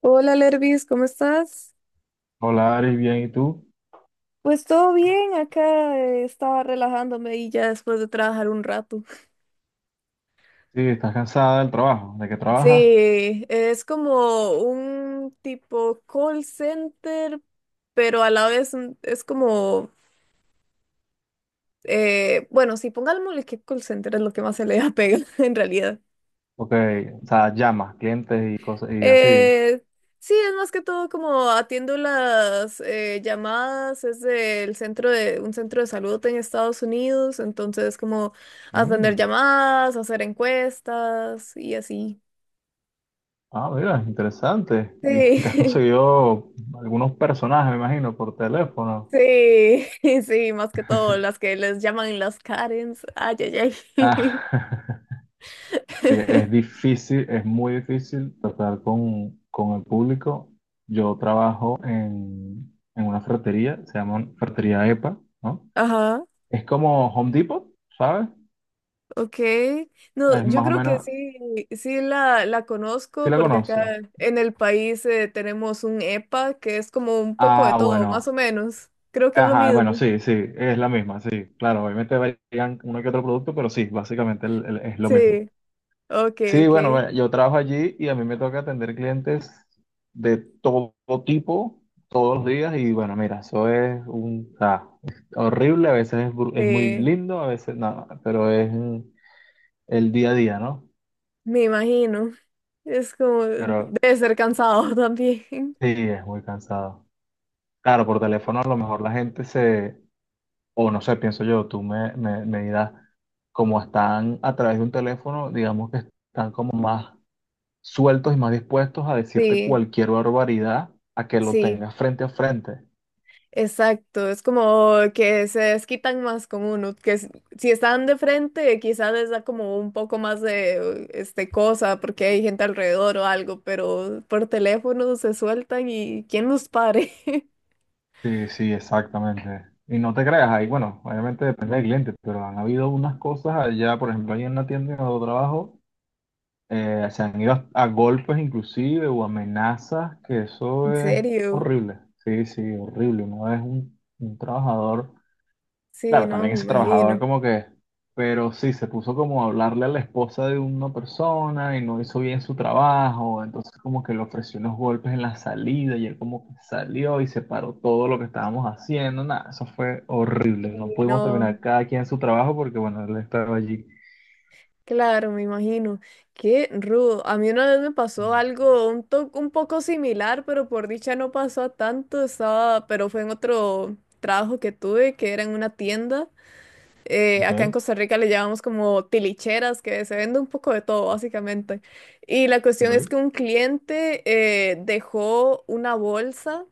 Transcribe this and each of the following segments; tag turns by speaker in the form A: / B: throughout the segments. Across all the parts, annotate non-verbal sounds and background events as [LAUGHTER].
A: Hola, Lervis, ¿cómo estás?
B: Hola, Aris, bien, ¿y tú?
A: Pues todo bien, acá estaba relajándome y ya después de trabajar un rato.
B: Sí, estás cansada del trabajo, ¿de qué trabajas?
A: Sí, es como un tipo call center, pero a la vez es como, bueno, sí, pongámosle que call center es lo que más se le apega [LAUGHS] en realidad.
B: Ok, o sea, llamas, clientes y cosas y así.
A: Eh, sí, es más que todo como atiendo las llamadas, es del centro de un centro de salud en Estados Unidos, entonces como atender
B: Mm.
A: llamadas, hacer encuestas y así.
B: Ah, mira, interesante. Y [LAUGHS] te has
A: Sí, [LAUGHS]
B: conseguido algunos personajes, me imagino, por teléfono.
A: sí, [LAUGHS] sí, más que todo las que les llaman las Karens. Ay, ay, ay.
B: Ah, [LAUGHS] es
A: [LAUGHS]
B: difícil, es muy difícil tratar con el público. Yo trabajo en una ferretería, se llama Ferretería EPA, ¿no?
A: Ajá.
B: Es como Home Depot, ¿sabes?
A: Ok,
B: Es
A: no, yo
B: más o
A: creo que
B: menos,
A: sí, sí la
B: ¿si
A: conozco
B: la
A: porque acá
B: conoces?
A: en el país tenemos un EPA que es como un poco de
B: Ah,
A: todo, más o
B: bueno.
A: menos. Creo que es lo
B: Ajá, bueno,
A: mismo.
B: sí, sí, es la misma, sí, claro, obviamente varían uno que otro producto, pero sí, básicamente es lo mismo.
A: Sí, ok,
B: Sí, bueno,
A: ok.
B: bueno, yo trabajo allí y a mí me toca atender clientes de todo tipo, todos los días, y bueno, mira, eso es un, o sea, es horrible, a veces es, es muy
A: eh,
B: lindo, a veces no, pero es el día a día, ¿no?
A: Me imagino. Es como,
B: Pero
A: debe ser cansado [LAUGHS] también.
B: sí, es muy cansado. Claro, por teléfono a lo mejor la gente se o no sé, pienso yo, tú me dirás, como están a través de un teléfono, digamos que están como más sueltos y más dispuestos a decirte
A: Sí,
B: cualquier barbaridad a que lo
A: sí.
B: tengas frente a frente.
A: Exacto, es como que se desquitan más con uno, si están de frente quizás les da como un poco más de este cosa porque hay gente alrededor o algo, pero por teléfono se sueltan y ¿quién los pare? [LAUGHS]
B: Sí, sí, exactamente. Y no te creas, ahí, bueno, obviamente depende del cliente, pero han habido unas cosas allá, por ejemplo, ahí en la tienda en donde trabajo, se han ido a golpes inclusive o amenazas, que eso
A: ¿En
B: es
A: serio?
B: horrible. Sí, sí, horrible. Uno es un trabajador.
A: Sí,
B: Claro,
A: no,
B: también
A: me
B: ese trabajador
A: imagino.
B: como que, pero sí, se puso como a hablarle a la esposa de una persona y no hizo bien su trabajo, entonces como que le ofreció unos golpes en la salida y él como que salió y se paró todo lo que estábamos haciendo, nada, eso fue horrible,
A: Sí,
B: no pudimos
A: no,
B: terminar cada quien su trabajo porque bueno, él estaba allí.
A: claro, me imagino. Qué rudo. A mí una vez me pasó algo un poco similar, pero por dicha no pasó a tanto, estaba, pero fue en otro trabajo que tuve que era en una tienda.
B: Ok,
A: Acá en Costa Rica le llamamos como tilicheras, que se vende un poco de todo, básicamente. Y la cuestión es que
B: ok,
A: un cliente dejó una bolsa.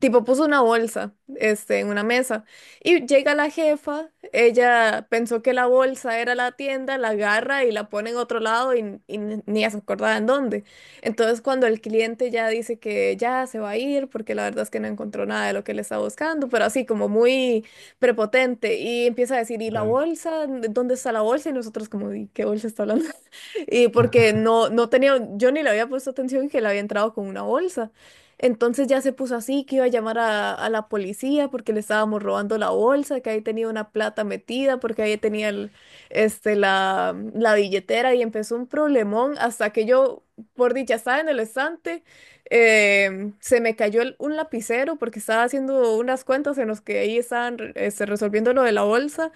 A: Tipo, puso una bolsa, este, en una mesa. Y llega la jefa, ella pensó que la bolsa era la tienda, la agarra y la pone en otro lado y ni ella se acordaba en dónde. Entonces, cuando el cliente ya dice que ya se va a ir, porque la verdad es que no encontró nada de lo que le estaba buscando, pero así como muy prepotente, y empieza a decir, ¿y la
B: ok.
A: bolsa? ¿Dónde está la bolsa? Y nosotros como, "¿Y qué bolsa está hablando?" Y porque no tenía, yo ni le había puesto atención que le había entrado con una bolsa. Entonces ya se puso así, que iba a llamar a la policía porque le estábamos robando la bolsa, que ahí tenía una plata metida, porque ahí tenía este, la billetera y empezó un problemón hasta que yo, por dicha, estaba en el estante, se me cayó un lapicero porque estaba haciendo unas cuentas en los que ahí estaban este, resolviendo lo de la bolsa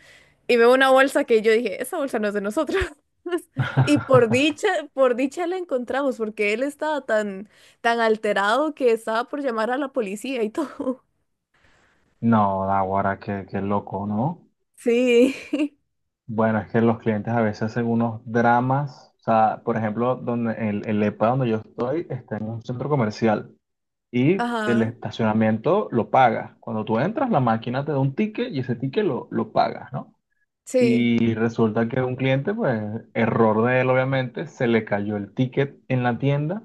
A: y veo una bolsa que yo dije, esa bolsa no es de nosotros. [LAUGHS] Y
B: [LAUGHS]
A: por dicha la encontramos, porque él estaba tan, tan alterado que estaba por llamar a la policía y todo. [LAUGHS]
B: No, ahora qué, qué loco, ¿no?
A: Sí, [LAUGHS]
B: Bueno, es que los clientes a veces hacen unos dramas. O sea, por ejemplo, donde el EPA donde yo estoy está en un centro comercial y el
A: ajá,
B: estacionamiento lo pagas. Cuando tú entras, la máquina te da un ticket y ese ticket lo pagas, ¿no?
A: sí,
B: Y resulta que un cliente, pues, error de él, obviamente, se le cayó el ticket en la tienda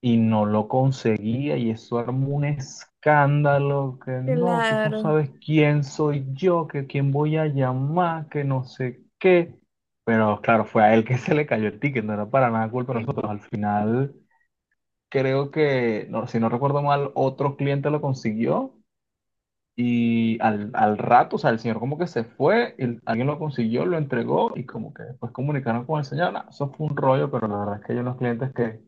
B: y no lo conseguía y eso armó un escándalo que no, tú no
A: claro,
B: sabes quién soy yo, que quién voy a llamar, que no sé qué. Pero claro, fue a él que [LAUGHS] se le cayó el ticket, no era para nada culpa de
A: sí,
B: nosotros. Al final, creo que, no, si no recuerdo mal, otro cliente lo consiguió y al rato, o sea, el señor como que se fue, y alguien lo consiguió, lo entregó y como que después comunicaron con el señor. No, eso fue un rollo, pero la verdad es que hay unos clientes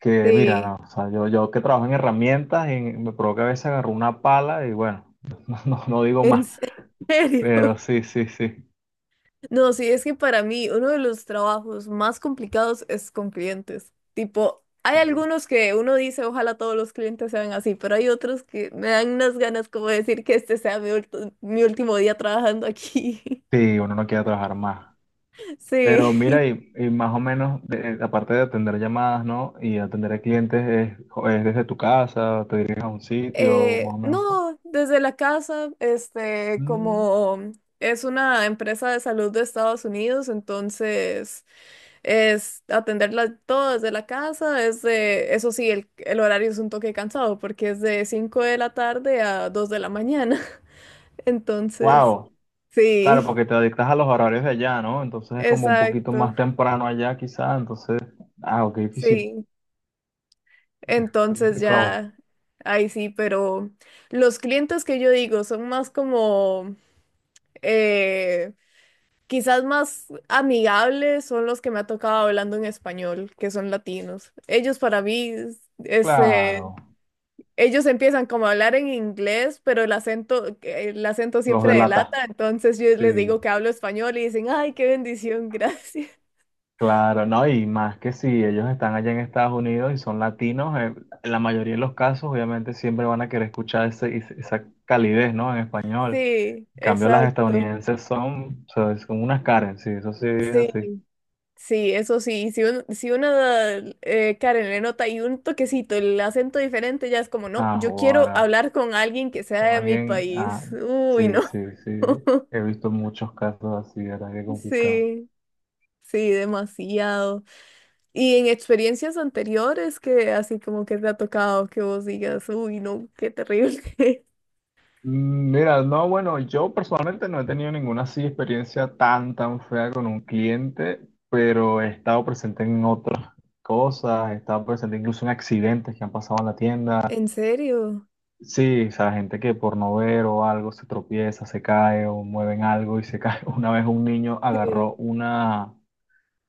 B: que mira,
A: sí,
B: no, o sea, yo que trabajo en herramientas, y me provoca a veces agarrar una pala y bueno, [LAUGHS] no, no, no digo
A: en
B: más,
A: serio.
B: pero
A: [LAUGHS]
B: sí, sí, sí,
A: No, sí, es que para mí uno de los trabajos más complicados es con clientes. Tipo, hay
B: sí,
A: algunos que uno dice, ojalá todos los clientes sean así, pero hay otros que me dan unas ganas como de decir que este sea mi último día trabajando aquí.
B: sí, uno no quiere trabajar más.
A: [LAUGHS]
B: Pero
A: Sí.
B: mira, y más o menos, aparte de atender llamadas, ¿no? Y atender a clientes, es desde tu casa, te diriges a un sitio, más o menos.
A: No, desde la casa, este, como es una empresa de salud de Estados Unidos, entonces es atenderla todo desde la casa, es de, eso sí, el horario es un toque cansado porque es de 5 de la tarde a 2 de la mañana, [LAUGHS] entonces,
B: Wow, claro,
A: sí,
B: porque te adictas a los horarios de allá, ¿no? Entonces es como un poquito más
A: exacto,
B: temprano allá, quizá, entonces, ah, qué difícil,
A: sí,
B: es
A: entonces
B: complicado.
A: ya, ahí sí, pero los clientes que yo digo son más como... eh, Quizás más amigables son los que me ha tocado hablando en español, que son latinos. Ellos para mí, es,
B: Claro.
A: ellos empiezan como a hablar en inglés, pero el acento, que el acento
B: Los
A: siempre
B: delata.
A: delata, entonces yo les
B: Sí,
A: digo que hablo español y dicen, ay, qué bendición, gracias. [LAUGHS]
B: claro, ¿no? Y más que si ellos están allá en Estados Unidos y son latinos, en la mayoría de los casos obviamente siempre van a querer escuchar esa calidez, ¿no? En español.
A: Sí,
B: En cambio, las
A: exacto.
B: estadounidenses son, o sea, son unas Karen, sí, eso sí es
A: Sí,
B: así.
A: sí, eso sí. Si, si una Karen le nota y un toquecito, el acento diferente, ya es como, no,
B: Ah,
A: yo quiero
B: wow.
A: hablar con alguien que sea
B: Con
A: de mi
B: alguien, ah,
A: país. Uy,
B: sí,
A: no.
B: sí, sí. He
A: [LAUGHS]
B: visto muchos casos así, ¿verdad? Qué complicado.
A: Sí, sí, demasiado. Y en experiencias anteriores que así como que te ha tocado que vos digas, uy, no, qué terrible. [LAUGHS]
B: Mm, mira, no, bueno, yo personalmente no he tenido ninguna así experiencia tan, tan fea con un cliente, pero he estado presente en otras cosas, he estado presente incluso en accidentes que han pasado en la tienda.
A: ¿En serio?
B: Sí, o sea, gente que por no ver o algo se tropieza, se cae o mueven algo y se cae. [LAUGHS] Una vez un niño
A: Sí.
B: agarró una,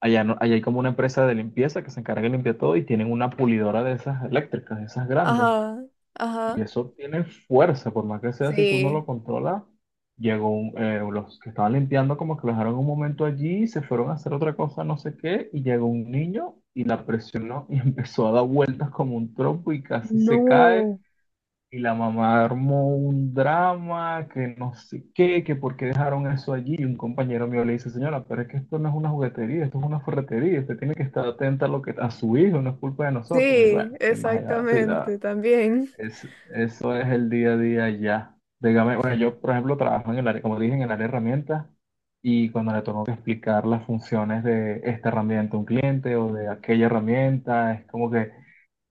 B: allá, allá hay como una empresa de limpieza que se encarga de limpiar todo y tienen una pulidora de esas eléctricas, de esas grandes.
A: Ajá,
B: Y
A: ajá.
B: eso tiene fuerza, por más que sea, si tú no lo
A: Sí.
B: controlas, los que estaban limpiando como que lo dejaron un momento allí, se fueron a hacer otra cosa, no sé qué, y llegó un niño y la presionó y [LAUGHS] empezó a dar vueltas como un trompo y casi se cae.
A: No.
B: Y la mamá armó un drama, que no sé qué, que por qué dejaron eso allí. Y un compañero mío le dice, señora, pero es que esto no es una juguetería, esto es una ferretería, usted tiene que estar atenta a lo que a su hijo, no es culpa de nosotros. Y
A: Sí,
B: bueno, temas de edad, así,
A: exactamente, también.
B: es, eso es el día a día ya. Dígame, bueno, yo, por ejemplo, trabajo en el área, como dije, en el área de herramientas y cuando le tengo que explicar las funciones de esta herramienta a un cliente o de aquella herramienta, es como que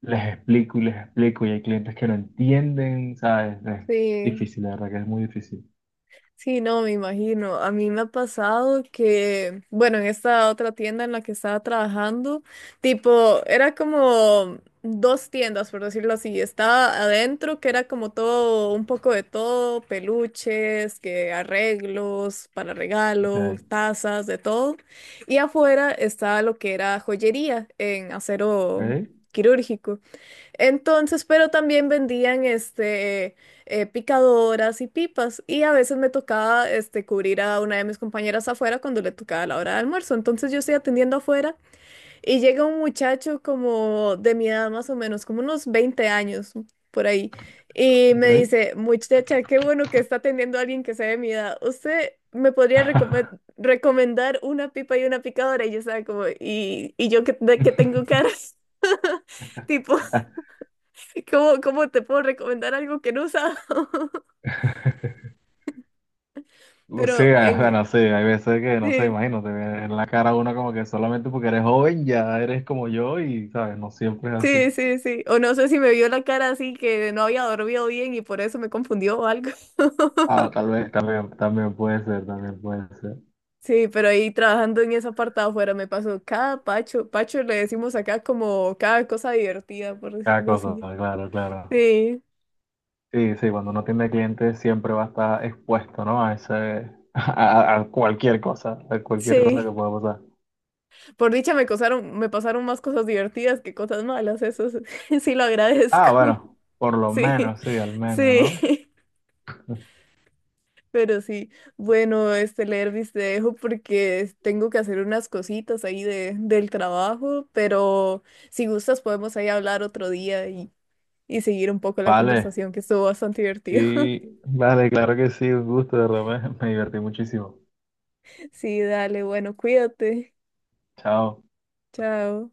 B: les explico y hay clientes que no entienden, ¿sabes? Es
A: Sí.
B: difícil, la verdad que es muy difícil.
A: Sí, no, me imagino. A mí me ha pasado que, bueno, en esta otra tienda en la que estaba trabajando, tipo, era como dos tiendas, por decirlo así. Estaba adentro, que era como todo, un poco de todo, peluches, que arreglos para regalo,
B: Ok,
A: tazas, de todo. Y afuera estaba lo que era joyería en acero
B: ok,
A: quirúrgico. Entonces, pero también vendían este picadoras y pipas y a veces me tocaba este cubrir a una de mis compañeras afuera cuando le tocaba la hora de almuerzo. Entonces yo estoy atendiendo afuera y llega un muchacho como de mi edad más o menos, como unos 20 años por ahí y me
B: ok.
A: dice, "Muchacha, qué bueno que está atendiendo a alguien que sea de mi edad. ¿Usted me podría recomendar una pipa y una picadora?" Y yo estaba como, "¿Y, y yo qué, de qué tengo caras?" [LAUGHS] Tipo
B: [LAUGHS]
A: [LAUGHS] ¿Cómo, cómo te puedo recomendar algo que no he usado? [LAUGHS]
B: Sí, o
A: Pero
B: sea,
A: en...
B: no sé, hay veces que, no sé,
A: Sí,
B: imagino, te ve en la cara uno como que solamente porque eres joven ya eres como yo y, ¿sabes? No siempre es así.
A: sí, sí, sí. O no sé si me vio la cara así que no había dormido bien y por eso me confundió o algo.
B: Ah,
A: [LAUGHS]
B: tal vez, también, también puede ser, también puede ser.
A: Sí, pero ahí trabajando en esa parte de afuera me pasó cada pacho. Pacho le decimos acá como cada cosa divertida, por
B: Cada
A: decirlo
B: cosa,
A: así.
B: claro, claro.
A: Sí,
B: Sí, sí, cuando uno tiene clientes siempre va a estar expuesto, ¿no? A ese, [LAUGHS] a cualquier cosa
A: sí.
B: que pueda pasar.
A: Por dicha me pasaron más cosas divertidas que cosas malas. Eso sí [LAUGHS] sí lo
B: Ah,
A: agradezco. [LAUGHS]
B: bueno, por lo
A: Sí,
B: menos, sí, al menos, ¿no?
A: sí. Pero sí, bueno, este Lervis te dejo porque tengo que hacer unas cositas ahí de, del trabajo, pero si gustas podemos ahí hablar otro día y seguir un poco la
B: Vale,
A: conversación que estuvo bastante divertido. [LAUGHS]
B: sí, vale, claro que sí, un gusto, de verdad, me divertí muchísimo.
A: Sí, dale, bueno, cuídate.
B: Chao.
A: Chao.